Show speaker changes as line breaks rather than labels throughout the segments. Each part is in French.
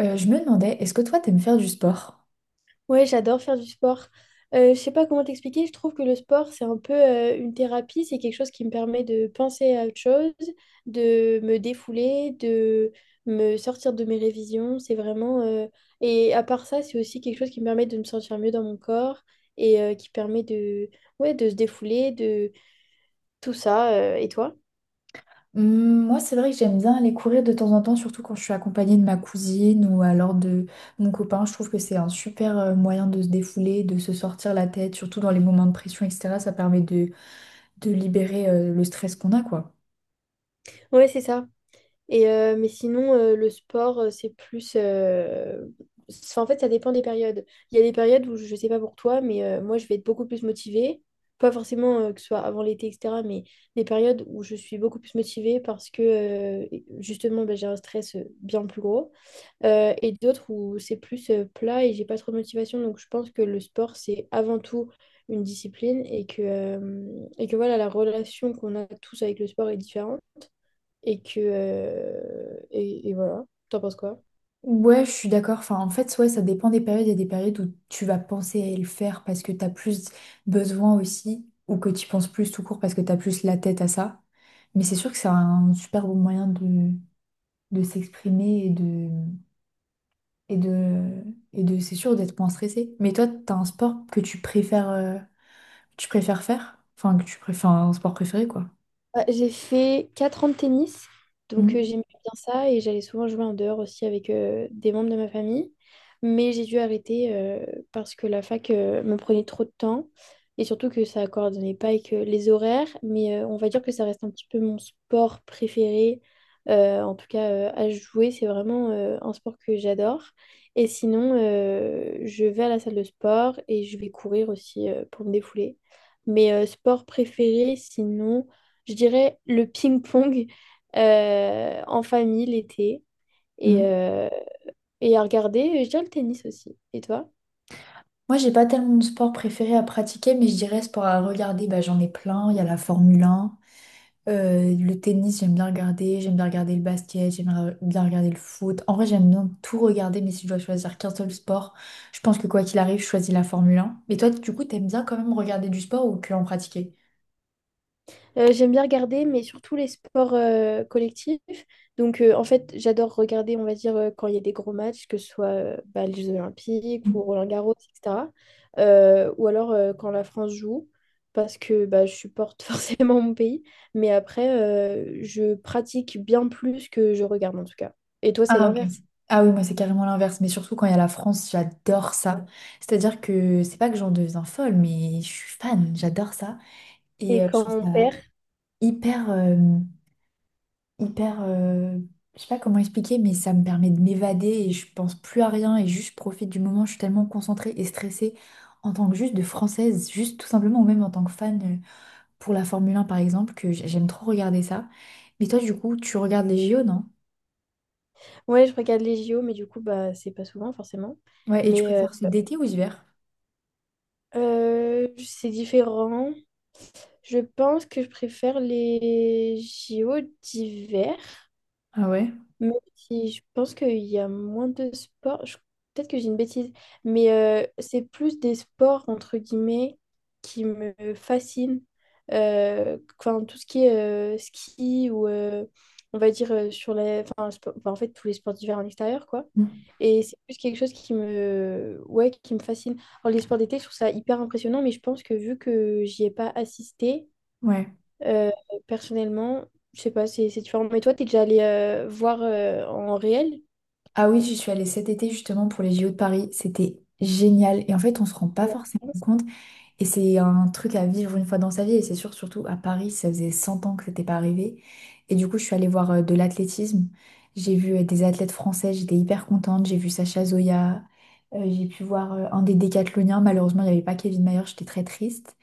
Je me demandais, est-ce que toi, t'aimes faire du sport?
Ouais, j'adore faire du sport. Je sais pas comment t'expliquer, je trouve que le sport, c'est un peu une thérapie, c'est quelque chose qui me permet de penser à autre chose, de me défouler, de me sortir de mes révisions. C'est vraiment. Et à part ça, c'est aussi quelque chose qui me permet de me sentir mieux dans mon corps et qui permet Ouais, de se défouler, de tout ça. Et toi?
Hmm, moi, c'est vrai que j'aime bien aller courir de temps en temps, surtout quand je suis accompagnée de ma cousine ou alors de mon copain. Je trouve que c'est un super moyen de se défouler, de se sortir la tête, surtout dans les moments de pression, etc. Ça permet de libérer le stress qu'on a, quoi.
Ouais, c'est ça. Mais sinon, le sport, En fait, ça dépend des périodes. Il y a des périodes où, je sais pas pour toi, mais moi, je vais être beaucoup plus motivée. Pas forcément que ce soit avant l'été, etc., mais des périodes où je suis beaucoup plus motivée parce que, justement, bah, j'ai un stress bien plus gros. Et d'autres où c'est plus plat et j'ai pas trop de motivation. Donc je pense que le sport, c'est avant tout une discipline et que voilà, la relation qu'on a tous avec le sport est différente et voilà. T'en penses quoi?
Ouais, je suis d'accord. Enfin, en fait, ouais, ça dépend des périodes. Il y a des périodes où tu vas penser à le faire parce que t'as plus besoin aussi, ou que tu penses plus tout court parce que t'as plus la tête à ça. Mais c'est sûr que c'est un super bon moyen de s'exprimer et de, et de, c'est sûr d'être moins stressé. Mais toi, t'as un sport que tu préfères faire? Enfin, que tu préfères un sport préféré, quoi.
Bah, j'ai fait 4 ans de tennis, donc
Mm,
j'aimais bien ça et j'allais souvent jouer en dehors aussi avec des membres de ma famille. Mais j'ai dû arrêter parce que la fac me prenait trop de temps et surtout que ça ne coordonnait pas avec les horaires. Mais on va dire que ça reste un petit peu mon sport préféré, en tout cas à jouer. C'est vraiment un sport que j'adore. Et sinon, je vais à la salle de sport et je vais courir aussi pour me défouler. Mais sport préféré, sinon je dirais le ping-pong en famille l'été et,
mm.
euh, et à regarder, je dirais le tennis aussi. Et toi?
Moi, j'ai pas tellement de sport préféré à pratiquer, mais je dirais sport à regarder, bah, j'en ai plein. Il y a la Formule un le tennis, j'aime bien regarder. J'aime bien regarder le basket, bien regarder le foot. En vrai, j'aime bien tout regarder, mais si je dois choisir qu'un seul sport, je pense que quoi qu'il arrive, je choisis la Formule un. Mais toi, du coup, t'aimes bien quand même regarder du sport ou que en pratiquer?
J'aime bien regarder, mais surtout les sports collectifs. Donc, en fait, j'adore regarder, on va dire, quand il y a des gros matchs, que ce soit bah, les Jeux Olympiques ou Roland-Garros, etc. Ou alors quand la France joue, parce que bah, je supporte forcément mon pays. Mais après, je pratique bien plus que je regarde, en tout cas. Et toi, c'est
Ah, ok.
l'inverse.
Ah oui, moi c'est carrément l'inverse, mais surtout quand il y a la France, j'adore ça. C'est-à-dire que c'est pas que j'en deviens folle, mais je suis fan, j'adore ça. Et
Et
je
quand
trouve
on
ça
perd,
hyper, euh, hyper, euh, je sais pas comment expliquer, mais ça me permet de m'évader et je pense plus à rien et juste je profite du moment. Je suis tellement concentrée et stressée en tant que juste de française, juste tout simplement, ou même en tant que fan pour la Formule 1 par exemple, j'aime trop regarder ça. Mais toi, du coup, tu regardes les JO, non?
ouais, je regarde les JO, mais du coup, bah, c'est pas souvent forcément.
Ouais, et tu
Mais
préfères ce d'été ou hiver?
c'est différent. Je pense que je préfère les JO d'hiver.
Ah ouais?
Mais si, je pense qu'il y a moins de sports. Peut-être que j'ai une bêtise, mais c'est plus des sports, entre guillemets, qui me fascinent. Enfin, tout ce qui est ski ou on va dire, sur la... Enfin, spo- enfin, en fait, tous les sports d'hiver en extérieur, quoi. Et c'est plus quelque chose qui Ouais, qui me fascine. Alors, les sports d'été, je trouve ça hyper impressionnant, mais je pense que vu que j'y ai pas assisté,
Ouais.
euh, personnellement, je sais pas, c'est différent. Mais toi, t'es déjà allé voir en réel,
Ah oui, je suis allée cet été justement pour les JO de Paris. C'était génial. Et en fait, on se rend pas
je
forcément
pense.
compte. Et c'est un truc à vivre une fois dans sa vie. Et c'est sûr, surtout à Paris, ça faisait 100 ans que c'était pas arrivé. Et du coup, je suis allée voir de l'athlétisme. J'ai vu des athlètes français. J'étais hyper contente. J'ai vu Sacha Zoya. J'ai pu voir un des décathloniens. Malheureusement, il n'y avait pas Kevin Mayer. J'étais très triste.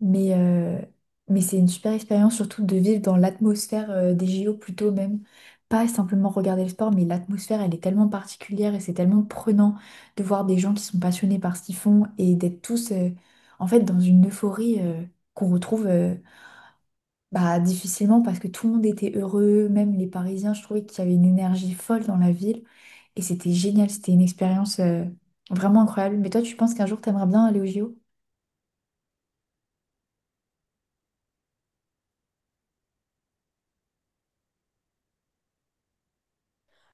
Mais, euh, mais c'est une super expérience, surtout de vivre dans l'atmosphère des JO plutôt même. Pas simplement regarder le sport, mais l'atmosphère, elle est tellement particulière et c'est tellement prenant de voir des gens qui sont passionnés par ce qu'ils font et d'être tous en fait dans une euphorie qu'on retrouve bah, difficilement parce que tout le monde était heureux, même les Parisiens, je trouvais qu'il y avait une énergie folle dans la ville et c'était génial, c'était une expérience vraiment incroyable. Mais toi, tu penses qu'un jour, t'aimerais bien aller aux JO?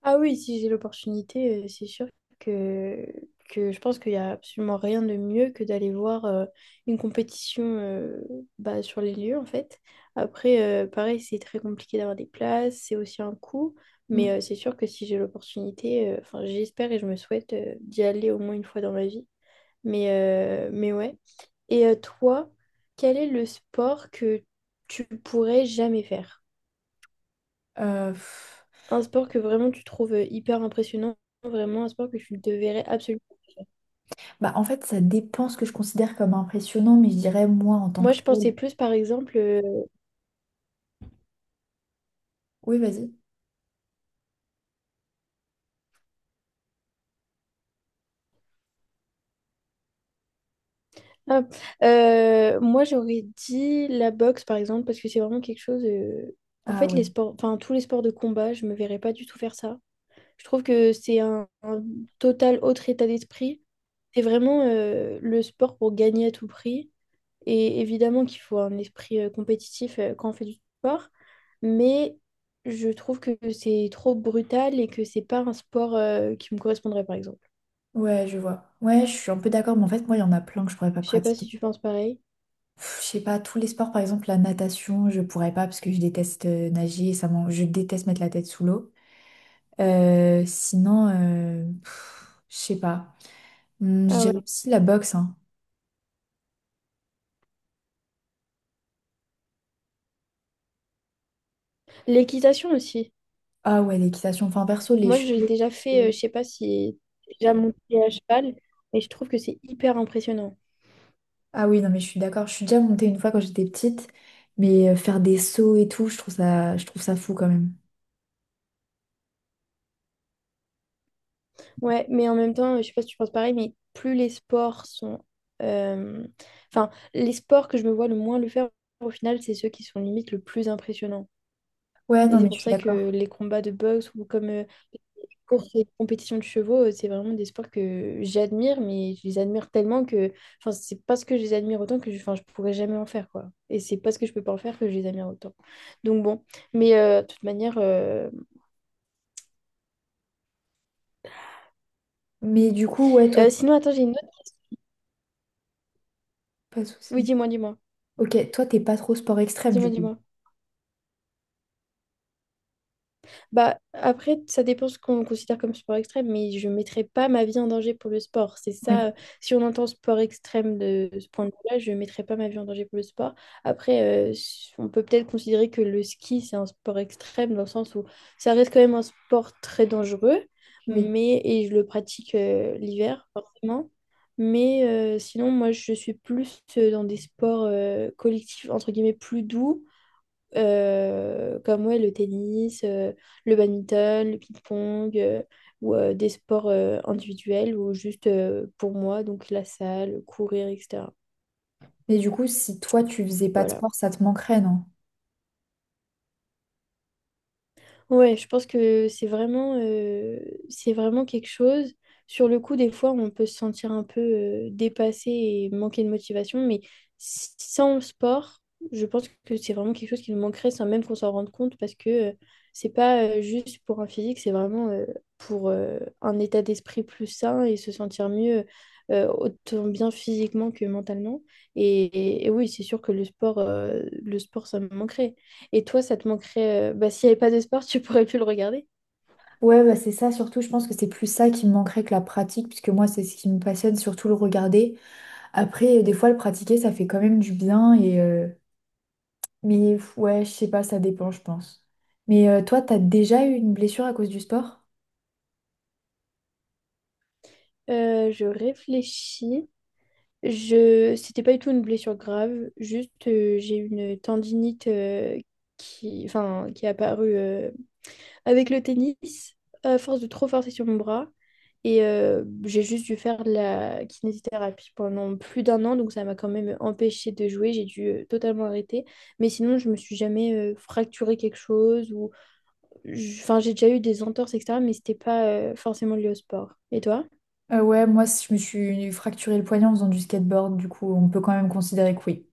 Ah oui, si j'ai l'opportunité, c'est sûr que, que je pense qu'il n'y a absolument rien de mieux que d'aller voir une compétition bah, sur les lieux, en fait. Après, pareil, c'est très compliqué d'avoir des places, c'est aussi un coût. Mais
Mm.
c'est sûr que si j'ai l'opportunité, enfin, j'espère et je me souhaite d'y aller au moins une fois dans ma vie. Mais ouais. Et toi, quel est le sport que tu pourrais jamais faire?
Euh, pff,
Un sport que vraiment tu trouves hyper impressionnant, vraiment un sport que tu devrais absolument.
Bah, en fait, ça dépend ce que je considère comme impressionnant, mais je dirais moi en tant
Moi,
que
je
tel.
pensais plus, par exemple,
Oui, vas-y.
ah, moi j'aurais dit la boxe, par exemple, parce que c'est vraiment quelque chose. En
Ah
fait,
ouais.
les sports, enfin tous les sports de combat, je me verrais pas du tout faire ça. Je trouve que c'est un total autre état d'esprit. C'est vraiment le sport pour gagner à tout prix. Et évidemment qu'il faut un esprit compétitif quand on fait du sport, mais je trouve que c'est trop brutal et que c'est pas un sport qui me correspondrait, par exemple.
Ouais, je vois. Ouais, je suis un peu d'accord, mais en fait, moi, il y en a plein que je pourrais pas
Je sais pas si
pratiquer.
tu penses pareil.
Pff, je sais pas, tous les sports, par exemple, la natation, je pourrais pas parce que je déteste nager, je déteste mettre la tête sous l'eau. Je sais pas.
Ah
J'aime
ouais.
aussi la boxe, hein.
L'équitation aussi.
Ah ouais, l'équitation. Enfin, perso, les
Moi, j'ai
chevaux.
déjà fait, je sais pas si j'ai déjà monté à cheval, mais je trouve que c'est hyper impressionnant.
Ah oui, non, mais je suis d'accord. Je suis déjà montée une fois quand j'étais petite, mais faire des sauts et tout, je trouve ça fou quand même.
Ouais, mais en même temps, je sais pas si tu penses pareil, mais plus les sports sont... euh, Enfin, les sports que je me vois le moins le faire, au final, c'est ceux qui sont limite le plus impressionnants.
Ouais,
Et
non,
c'est
mais je
pour
suis
ça que
d'accord.
les combats de boxe ou comme les courses et les compétitions de chevaux, c'est vraiment des sports que j'admire, mais je les admire tellement que, enfin, c'est parce que je les admire autant que je, enfin, je pourrais jamais en faire, quoi. Et c'est parce que je peux pas en faire que je les admire autant. Donc bon, mais euh, de toute manière, euh,
Mais du coup, ouais, toi,
sinon, attends, j'ai une autre.
pas de
Oui,
souci. Ok, toi, t'es pas trop sport extrême, du coup.
dis-moi. Bah, après, ça dépend ce qu'on considère comme sport extrême, mais je ne mettrai pas ma vie en danger pour le sport. C'est
Oui,
ça, si on entend sport extrême de ce point de vue-là, je ne mettrai pas ma vie en danger pour le sport. Après, on peut peut-être considérer que le ski, c'est un sport extrême dans le sens où ça reste quand même un sport très dangereux,
oui.
mais, et je le pratique l'hiver, forcément. Mais sinon, moi, je suis plus dans des sports collectifs, entre guillemets, plus doux comme ouais, le tennis, le badminton, le ping-pong, ou des sports individuels ou juste pour moi, donc la salle, courir, etc.
Mais du coup, si toi, tu faisais pas de
Voilà.
sport, ça te manquerait, non?
Ouais, je pense que c'est vraiment quelque chose. Sur le coup, des fois, on peut se sentir un peu dépassé et manquer de motivation, mais sans sport, je pense que c'est vraiment quelque chose qui nous manquerait sans même qu'on s'en rende compte parce que c'est pas juste pour un physique, c'est vraiment pour un état d'esprit plus sain et se sentir mieux autant bien physiquement que mentalement. Et oui, c'est sûr que le sport, ça me manquerait. Et toi, ça te manquerait. Bah, s'il n'y avait pas de sport, tu pourrais plus le regarder.
Ouais, bah c'est ça, surtout, je pense que c'est plus ça qui me manquerait que la pratique, puisque moi, c'est ce qui me passionne, surtout le regarder. Après, des fois, le pratiquer, ça fait quand même du bien mais pff, ouais, je sais pas, ça dépend, je pense. Mais toi, t'as déjà eu une blessure à cause du sport?
Je réfléchis. C'était pas du tout une blessure grave. Juste, j'ai eu une tendinite Enfin, qui est apparue avec le tennis, à force de trop forcer sur mon bras. Et j'ai juste dû faire de la kinésithérapie pendant plus d'1 an, donc ça m'a quand même empêché de jouer. J'ai dû totalement arrêter. Mais sinon, je me suis jamais fracturé quelque chose ou enfin, j'ai déjà eu des entorses, etc., mais c'était pas forcément lié au sport. Et toi?
Ouais, moi, si je me suis fracturé le poignet en faisant du skateboard, du coup, on peut quand même considérer que oui.